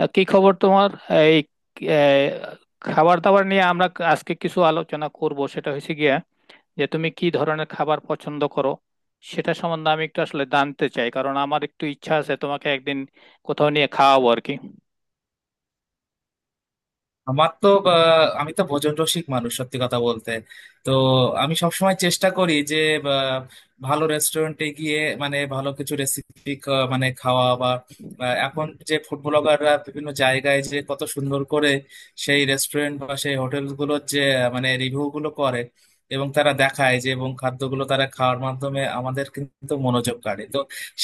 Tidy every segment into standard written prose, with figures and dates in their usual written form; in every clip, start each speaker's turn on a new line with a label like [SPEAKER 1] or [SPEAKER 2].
[SPEAKER 1] কি খবর তোমার? এই আহ, খাবার দাবার নিয়ে আমরা আজকে কিছু আলোচনা করব। সেটা হয়েছে গিয়া যে তুমি কি ধরনের খাবার পছন্দ করো সেটা সম্বন্ধে আমি একটু আসলে জানতে চাই, কারণ আমার একটু ইচ্ছা আছে তোমাকে একদিন কোথাও নিয়ে খাওয়াবো আর কি।
[SPEAKER 2] আমার তো আমি তো ভোজন রসিক মানুষ, সত্যি কথা বলতে। তো আমি সবসময় চেষ্টা করি যে বা, ভালো রেস্টুরেন্টে গিয়ে মানে ভালো কিছু রেসিপি মানে খাওয়া, বা বা এখন যে ফুড ব্লগাররা বিভিন্ন জায়গায় যে কত সুন্দর করে সেই রেস্টুরেন্ট বা সেই হোটেল গুলোর যে মানে রিভিউ গুলো করে এবং তারা দেখায় যে, এবং খাদ্যগুলো তারা খাওয়ার মাধ্যমে আমাদের কিন্তু মনোযোগ কাড়ে। তো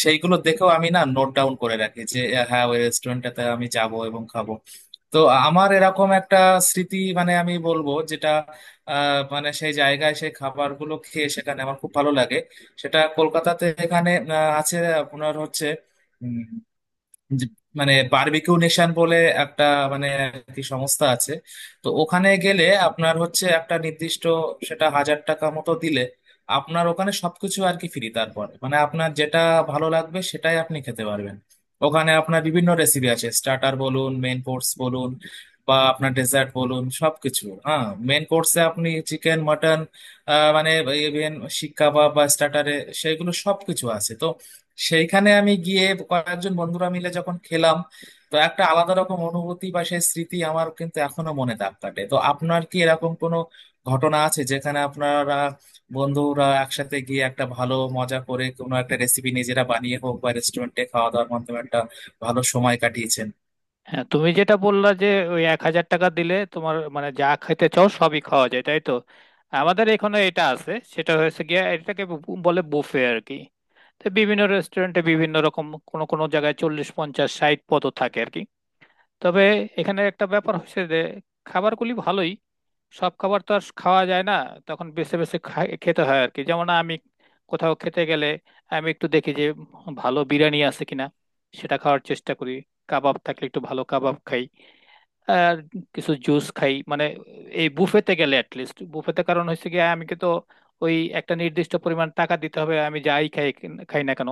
[SPEAKER 2] সেইগুলো দেখেও আমি না নোট ডাউন করে রাখি যে হ্যাঁ ওই রেস্টুরেন্টটাতে আমি যাব এবং খাবো। তো আমার এরকম একটা স্মৃতি মানে আমি বলবো, যেটা মানে সেই জায়গায় সেই খাবারগুলো খেয়ে সেখানে আমার খুব ভালো লাগে। সেটা কলকাতাতে এখানে আছে। আপনার হচ্ছে যে- মানে বারবিকিউ নেশন বলে একটা মানে আর কি সংস্থা আছে। তো ওখানে গেলে আপনার হচ্ছে একটা নির্দিষ্ট, সেটা 1000 টাকা মতো দিলে আপনার ওখানে সবকিছু আর কি ফ্রি, তারপর মানে আপনার যেটা ভালো লাগবে সেটাই আপনি খেতে পারবেন। ওখানে আপনার বিভিন্ন রেসিপি আছে, স্টার্টার বলুন, মেন কোর্স বলুন, বা আপনার ডেজার্ট বলুন, সবকিছু। হ্যাঁ, মেন কোর্সে আপনি চিকেন, মটন মানে ইভেন শিক কাবাব বা স্টার্টারে সেগুলো সবকিছু আছে। তো সেইখানে আমি গিয়ে কয়েকজন বন্ধুরা মিলে যখন খেলাম, তো একটা আলাদা রকম অনুভূতি বা সেই স্মৃতি আমার কিন্তু এখনো মনে দাগ কাটে। তো আপনার কি এরকম কোনো ঘটনা আছে যেখানে আপনারা বন্ধুরা একসাথে গিয়ে একটা ভালো মজা করে কোনো একটা রেসিপি নিজেরা বানিয়ে হোক বা রেস্টুরেন্টে খাওয়া দাওয়ার মাধ্যমে একটা ভালো সময় কাটিয়েছেন?
[SPEAKER 1] হ্যাঁ, তুমি যেটা বললা যে ওই 1,000 টাকা দিলে তোমার মানে যা খেতে চাও সবই খাওয়া যায় তাই তো। আমাদের এখানে এটা আছে, সেটা হয়েছে গিয়া এটাকে বলে বুফে আর কি। তো বিভিন্ন রেস্টুরেন্টে বিভিন্ন রকম, কোনো কোনো জায়গায় 40 50 60 পদও থাকে আর কি। তবে এখানে একটা ব্যাপার হচ্ছে যে খাবারগুলি ভালোই, সব খাবার তো আর খাওয়া যায় না, তখন বেছে বেছে খেতে হয় আর কি। যেমন আমি কোথাও খেতে গেলে আমি একটু দেখি যে ভালো বিরিয়ানি আছে কিনা, সেটা খাওয়ার চেষ্টা করি। কাবাব থাকলে একটু ভালো কাবাব খাই, আর কিছু জুস খাই মানে এই বুফেতে গেলে অ্যাটলিস্ট। বুফেতে কারণ হচ্ছে কি, আমি কি তো ওই একটা নির্দিষ্ট পরিমাণ টাকা দিতে হবে, আমি যাই খাই, খাই না কেন।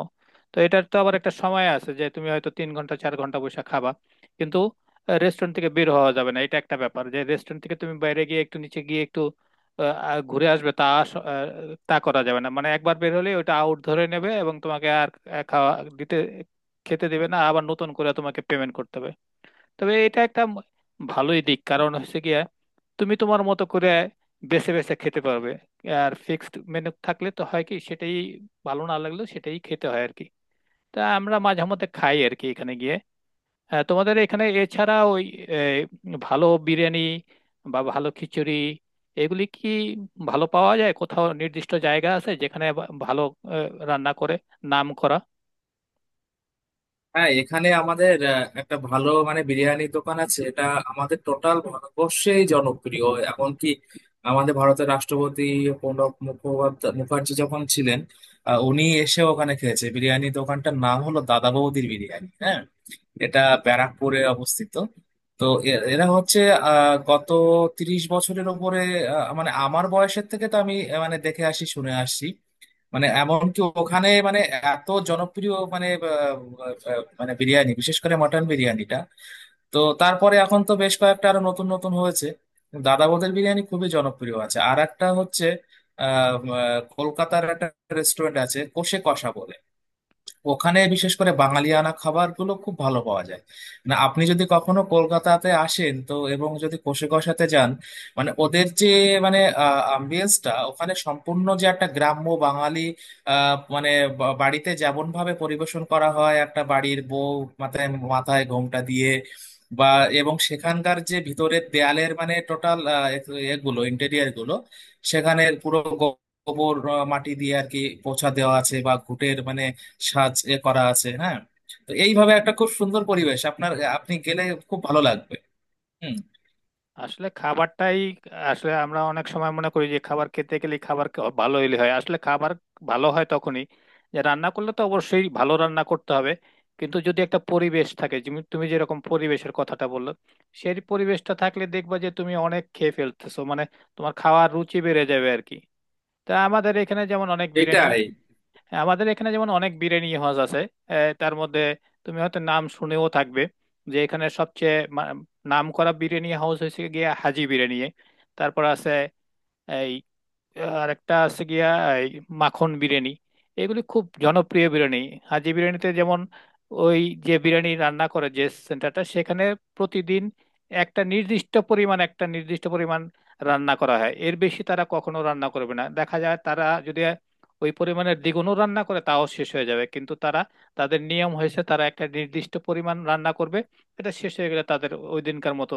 [SPEAKER 1] তো এটার তো আবার একটা সময় আছে যে তুমি হয়তো 3 ঘন্টা 4 ঘন্টা বসে খাবা, কিন্তু রেস্টুরেন্ট থেকে বের হওয়া যাবে না। এটা একটা ব্যাপার যে রেস্টুরেন্ট থেকে তুমি বাইরে গিয়ে একটু নিচে গিয়ে একটু আহ, আহ, ঘুরে আসবে, তা করা যাবে না। মানে একবার বের হলে ওটা আউট ধরে নেবে এবং তোমাকে আর আহ, খাওয়া দিতে খেতে দেবে না, আবার নতুন করে তোমাকে পেমেন্ট করতে হবে। তবে এটা একটা ভালোই দিক, কারণ হচ্ছে গিয়ে তুমি তোমার মতো করে বেছে বেছে খেতে পারবে। আর ফিক্সড মেনু থাকলে তো হয় কি, সেটাই ভালো না লাগলেও সেটাই খেতে হয় আর কি। তা আমরা মাঝে মধ্যে খাই আর কি এখানে গিয়ে। হ্যাঁ, তোমাদের এখানে এছাড়া ওই এ, ভালো বিরিয়ানি বা ভালো খিচুড়ি এগুলি কি ভালো পাওয়া যায়? কোথাও নির্দিষ্ট জায়গা আছে যেখানে ভালো রান্না করে, নাম করা?
[SPEAKER 2] হ্যাঁ, এখানে আমাদের একটা ভালো মানে বিরিয়ানি দোকান আছে, এটা আমাদের টোটাল ভারতবর্ষেই জনপ্রিয়। এমনকি আমাদের ভারতের রাষ্ট্রপতি প্রণব মুখোপাধ্যায় মুখার্জি যখন ছিলেন, উনি এসে ওখানে খেয়েছে। বিরিয়ানি দোকানটার নাম হলো দাদা বৌদির বিরিয়ানি, হ্যাঁ। এটা ব্যারাকপুরে অবস্থিত। তো এরা হচ্ছে গত 30 বছরের উপরে, মানে আমার বয়সের থেকে তো আমি মানে দেখে আসি, শুনে আসছি। মানে এমনকি ওখানে মানে এত জনপ্রিয় মানে আহ, আহ, মানে বিরিয়ানি, বিশেষ করে মটন বিরিয়ানিটা। তো তারপরে এখন তো বেশ কয়েকটা আরো নতুন নতুন হয়েছে, দাদা বৌদির বিরিয়ানি খুবই জনপ্রিয় আছে। আর একটা হচ্ছে আহ আহ, কলকাতার একটা রেস্টুরেন্ট আছে, কষে কষা বলে। ওখানে বিশেষ করে বাঙালিয়ানা খাবারগুলো খুব ভালো পাওয়া যায়। না, আপনি যদি কখনো কলকাতাতে আসেন তো, এবং যদি কোষে কষাতে যান, মানে ওদের যে মানে আম্বিয়েন্সটা ওখানে সম্পূর্ণ যে একটা গ্রাম্য বাঙালি মানে বাড়িতে যেমন ভাবে পরিবেশন করা হয়, একটা বাড়ির বউ মাথায় মাথায় ঘোমটা দিয়ে, বা এবং সেখানকার যে ভিতরের দেয়ালের মানে টোটাল এগুলো ইন্টেরিয়ার গুলো, সেখানে পুরো গোবর, মাটি দিয়ে আর কি পোছা দেওয়া আছে বা ঘুটের মানে সাজ এ করা আছে, হ্যাঁ। তো এইভাবে একটা খুব সুন্দর পরিবেশ, আপনার আপনি গেলে খুব ভালো লাগবে। হুম।
[SPEAKER 1] আসলে খাবারটাই, আসলে আমরা অনেক সময় মনে করি যে খাবার খেতে গেলে ভালো হইলে হয়, আসলে খাবার ভালো হয় তখনই যে রান্না করলে তো অবশ্যই ভালো রান্না করতে হবে, কিন্তু যদি একটা পরিবেশ থাকে, যেমন তুমি যেরকম পরিবেশের কথাটা বললো, সেই পরিবেশটা থাকলে দেখবা যে তুমি অনেক খেয়ে ফেলতেছো, মানে তোমার খাওয়ার রুচি বেড়ে যাবে আর কি। তা আমাদের এখানে যেমন অনেক বিরিয়ানি,
[SPEAKER 2] এটাই,
[SPEAKER 1] হ্যাঁ, আমাদের এখানে যেমন অনেক বিরিয়ানি হাউস আছে। তার মধ্যে তুমি হয়তো নাম শুনেও থাকবে যে এখানে সবচেয়ে নাম করা বিরিয়ানি হাউস হয়েছে গিয়ে হাজি বিরিয়ানি। তারপর আছে আর একটা আছে গিয়া এই মাখন বিরিয়ানি। এগুলি খুব জনপ্রিয় বিরিয়ানি। হাজি বিরিয়ানিতে যেমন ওই যে বিরিয়ানি রান্না করে যে সেন্টারটা, সেখানে প্রতিদিন একটা নির্দিষ্ট পরিমাণ একটা নির্দিষ্ট পরিমাণ রান্না করা হয়, এর বেশি তারা কখনো রান্না করবে না। দেখা যায় তারা যদি ওই পরিমাণের দ্বিগুণও রান্না করে তাও শেষ হয়ে যাবে, কিন্তু তারা, তাদের নিয়ম হয়েছে তারা একটা নির্দিষ্ট পরিমাণ রান্না করবে, এটা শেষ হয়ে গেলে তাদের ওই দিনকার মতো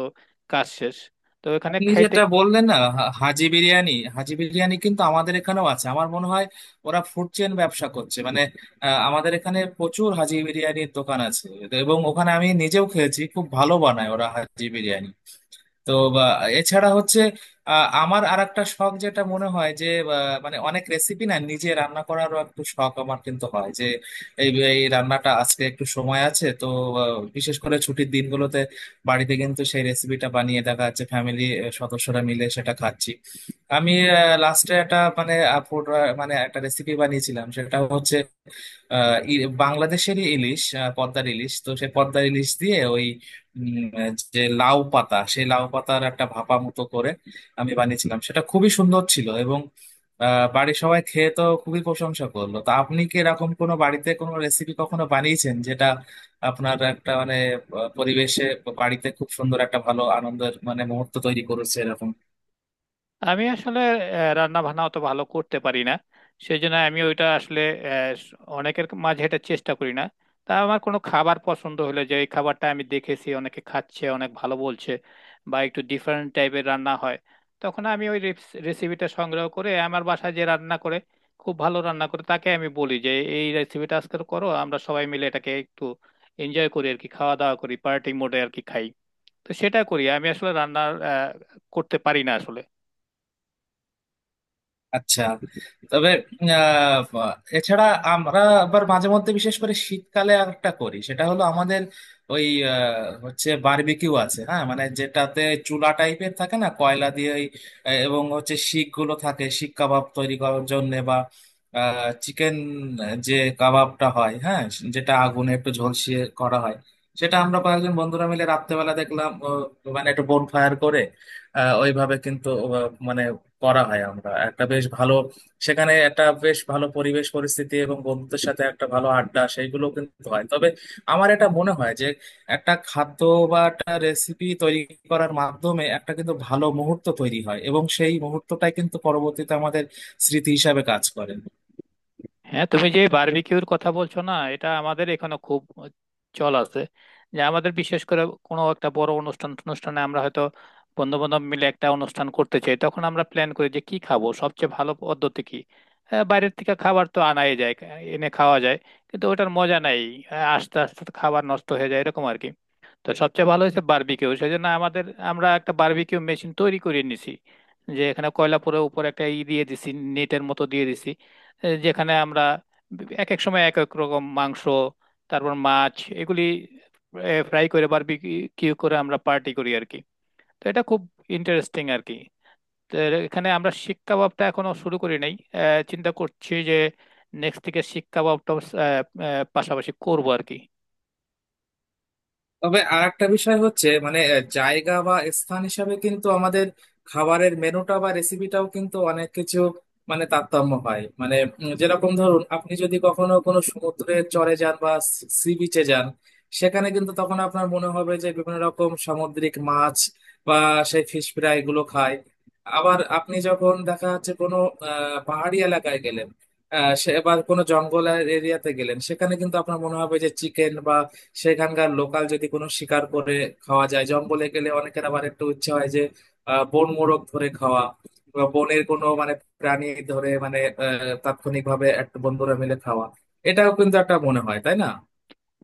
[SPEAKER 1] কাজ শেষ। তো এখানে
[SPEAKER 2] আপনি
[SPEAKER 1] খাইতে।
[SPEAKER 2] যেটা বললেন না হাজি বিরিয়ানি, হাজি বিরিয়ানি কিন্তু আমাদের এখানেও আছে আমার মনে হয়। ওরা ফুড চেইন ব্যবসা করছে মানে, আমাদের এখানে প্রচুর হাজি বিরিয়ানির দোকান আছে এবং ওখানে আমি নিজেও খেয়েছি, খুব ভালো বানায় ওরা হাজি বিরিয়ানি। তো বা এছাড়া হচ্ছে আমার আর একটা শখ যেটা মনে হয় যে মানে অনেক রেসিপি না নিজে রান্না করারও একটু শখ আমার কিন্তু হয় যে এই এই রান্নাটা আজকে একটু সময় আছে তো বিশেষ করে ছুটির দিনগুলোতে বাড়িতে কিন্তু সেই রেসিপিটা বানিয়ে দেখা যাচ্ছে ফ্যামিলি সদস্যরা মিলে সেটা খাচ্ছি। আমি লাস্টে একটা মানে food, মানে একটা রেসিপি বানিয়েছিলাম, সেটা হচ্ছে বাংলাদেশেরই ইলিশ, পদ্মার ইলিশ। তো সে পদ্মার ইলিশ দিয়ে ওই যে লাউ পাতা, সেই লাউ পাতার একটা ভাপা মতো করে আমি বানিয়েছিলাম, সেটা খুবই সুন্দর ছিল এবং বাড়ির সবাই খেয়ে তো খুবই প্রশংসা করলো। তো আপনি কি এরকম কোনো বাড়িতে কোনো রেসিপি কখনো বানিয়েছেন যেটা আপনার একটা মানে পরিবেশে বাড়িতে খুব সুন্দর একটা ভালো আনন্দের মানে মুহূর্ত তৈরি করেছে এরকম?
[SPEAKER 1] আমি আসলে রান্না বান্না অত ভালো করতে পারি না, সেই জন্য আমি ওইটা আসলে অনেকের মাঝে এটা চেষ্টা করি না। তা আমার কোনো খাবার পছন্দ হলে যে এই খাবারটা আমি দেখেছি অনেকে খাচ্ছে, অনেক ভালো বলছে বা একটু ডিফারেন্ট টাইপের রান্না হয়, তখন আমি ওই রেসিপিটা সংগ্রহ করে আমার বাসায় যে রান্না করে, খুব ভালো রান্না করে, তাকে আমি বলি যে এই রেসিপিটা আজকে করো, আমরা সবাই মিলে এটাকে একটু এনজয় করি আর কি, খাওয়া দাওয়া করি, পার্টি মোডে আর কি খাই। তো সেটা করি, আমি আসলে রান্না করতে পারি না আসলে।
[SPEAKER 2] আচ্ছা, তবে আহ, এছাড়া আমরা আবার মাঝে মধ্যে বিশেষ করে শীতকালে আর একটা করি, সেটা হলো আমাদের ওই হচ্ছে বারবিকিউ আছে, হ্যাঁ। মানে যেটাতে চুলা টাইপের থাকে না, কয়লা দিয়ে ওই, এবং হচ্ছে শিক গুলো থাকে শিক কাবাব তৈরি করার জন্য বা চিকেন যে কাবাবটা হয়, হ্যাঁ, যেটা আগুনে একটু ঝলসিয়ে করা হয়। সেটা আমরা কয়েকজন বন্ধুরা মিলে রাত্রেবেলা দেখলাম, মানে একটু বোন ফায়ার করে ওইভাবে কিন্তু মানে করা হয়। আমরা একটা বেশ ভালো সেখানে একটা বেশ ভালো পরিবেশ পরিস্থিতি এবং বন্ধুদের সাথে একটা ভালো আড্ডা সেইগুলো কিন্তু হয়। তবে আমার এটা মনে হয় যে একটা খাদ্য বা একটা রেসিপি তৈরি করার মাধ্যমে একটা কিন্তু ভালো মুহূর্ত তৈরি হয় এবং সেই মুহূর্তটাই কিন্তু পরবর্তীতে আমাদের স্মৃতি হিসাবে কাজ করে।
[SPEAKER 1] হ্যাঁ, তুমি যে বারবিকিউর কথা বলছো না, এটা আমাদের এখানে খুব চল আছে। যে আমাদের বিশেষ করে কোনো একটা বড় অনুষ্ঠান, অনুষ্ঠানে আমরা হয়তো বন্ধু বান্ধব মিলে একটা অনুষ্ঠান করতে চাই, তখন আমরা প্ল্যান করি যে কি খাবো, সবচেয়ে ভালো পদ্ধতি কি। হ্যাঁ, বাইরের থেকে খাবার তো আনাই যায়, এনে খাওয়া যায়, কিন্তু ওটার মজা নাই। হ্যাঁ, আস্তে আস্তে তো খাবার নষ্ট হয়ে যায় এরকম আর কি। তো সবচেয়ে ভালো হয়েছে বারবিকিউ। সেই জন্য আমাদের, আমরা একটা বারবিকিউ মেশিন তৈরি করে নিছি, যে এখানে কয়লা, পুরো উপরে একটা ই দিয়ে দিছি, নেটের মতো দিয়ে দিছি, যেখানে আমরা এক এক সময় এক এক রকম মাংস, তারপর মাছ, এগুলি ফ্রাই করে বারবিকিউ করে আমরা পার্টি করি আর কি। তো এটা খুব ইন্টারেস্টিং আর কি। তো এখানে আমরা শিক কাবাবটা এখনো শুরু করি নাই। চিন্তা করছি যে নেক্সট থেকে শিক কাবাবটা পাশাপাশি করবো আর কি।
[SPEAKER 2] তবে আর একটা বিষয় হচ্ছে মানে জায়গা বা স্থান হিসাবে কিন্তু আমাদের খাবারের মেনুটা বা রেসিপিটাও কিন্তু অনেক কিছু মানে তারতম্য হয় মানে যেরকম ধরুন আপনি যদি কখনো কোনো সমুদ্রের চরে যান বা সি বিচে যান, সেখানে কিন্তু তখন আপনার মনে হবে যে বিভিন্ন রকম সামুদ্রিক মাছ বা সেই ফিশ ফ্রাই গুলো খায়। আবার আপনি যখন দেখা যাচ্ছে কোনো পাহাড়ি এলাকায় গেলেন, সে এবার কোনো জঙ্গল এরিয়াতে গেলেন, সেখানে কিন্তু আপনার মনে হবে যে চিকেন সেখানকার লোকাল যদি কোনো শিকার করে খাওয়া যায়। জঙ্গলে গেলে অনেকের আবার একটু ইচ্ছে হয় যে বন মোরগ ধরে খাওয়া বা বনের কোনো মানে প্রাণী ধরে মানে তাৎক্ষণিক ভাবে একটা বন্ধুরা মিলে খাওয়া। এটাও কিন্তু একটা মনে হয়, তাই না?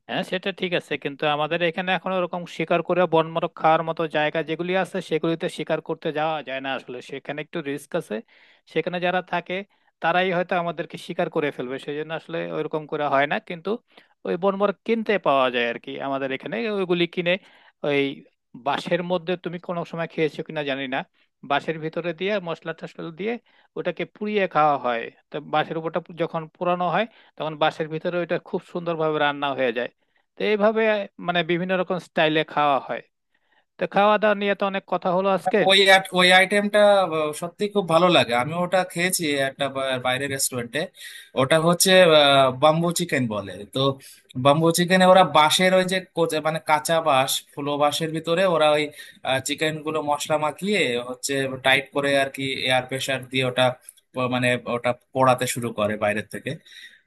[SPEAKER 1] হ্যাঁ, সেটা ঠিক আছে, কিন্তু আমাদের এখানে এখন ওরকম শিকার করে বনমারক খাওয়ার মতো জায়গা, যেগুলি আছে সেগুলিতে শিকার করতে যাওয়া যায় না আসলে, সেখানে একটু রিস্ক আছে। সেখানে যারা থাকে তারাই হয়তো আমাদেরকে শিকার করে ফেলবে, সেই জন্য আসলে ওইরকম করে হয় না, কিন্তু ওই বনমারক কিনতে পাওয়া যায় আর কি। আমাদের এখানে ওইগুলি কিনে ওই বাঁশের মধ্যে, তুমি কোনো সময় খেয়েছো কিনা জানি না, বাঁশের ভিতরে দিয়ে মশলা টশলা দিয়ে ওটাকে পুড়িয়ে খাওয়া হয়। তো বাঁশের উপরটা যখন পোড়ানো হয়, তখন বাঁশের ভিতরে ওইটা খুব সুন্দরভাবে রান্না হয়ে যায়। তো এইভাবে মানে বিভিন্ন রকম স্টাইলে খাওয়া হয়। তো খাওয়া দাওয়া নিয়ে তো অনেক কথা হলো আজকে।
[SPEAKER 2] ওই ওই আইটেমটা সত্যি খুব ভালো লাগে, আমি ওটা খেয়েছি একটা বাইরের রেস্টুরেন্টে। ওটা হচ্ছে বাম্বু চিকেন বলে। তো বাম্বু চিকেনে ওরা বাঁশের ওই যে মানে কাঁচা বাঁশ, ফুলো বাঁশের ভিতরে ওরা ওই চিকেন গুলো মশলা মাখিয়ে হচ্ছে টাইট করে আর কি এয়ার প্রেসার দিয়ে ওটা মানে ওটা পোড়াতে শুরু করে বাইরের থেকে।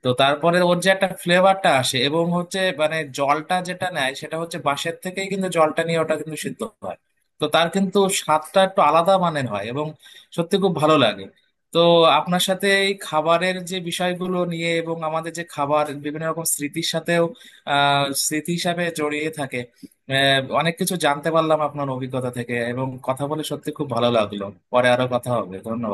[SPEAKER 2] তো তারপরে ওর যে একটা ফ্লেভারটা আসে এবং হচ্ছে মানে জলটা যেটা নেয় সেটা হচ্ছে বাঁশের থেকেই কিন্তু জলটা নিয়ে ওটা কিন্তু সিদ্ধ হয়। তো তার কিন্তু স্বাদটা একটু আলাদা মানের হয় এবং সত্যি খুব ভালো লাগে। তো আপনার সাথে এই খাবারের যে বিষয়গুলো নিয়ে এবং আমাদের যে খাবার বিভিন্ন রকম স্মৃতির সাথেও স্মৃতি হিসাবে জড়িয়ে থাকে, অনেক কিছু জানতে পারলাম আপনার অভিজ্ঞতা থেকে এবং কথা বলে সত্যি খুব ভালো লাগলো। পরে আরো কথা হবে, ধন্যবাদ।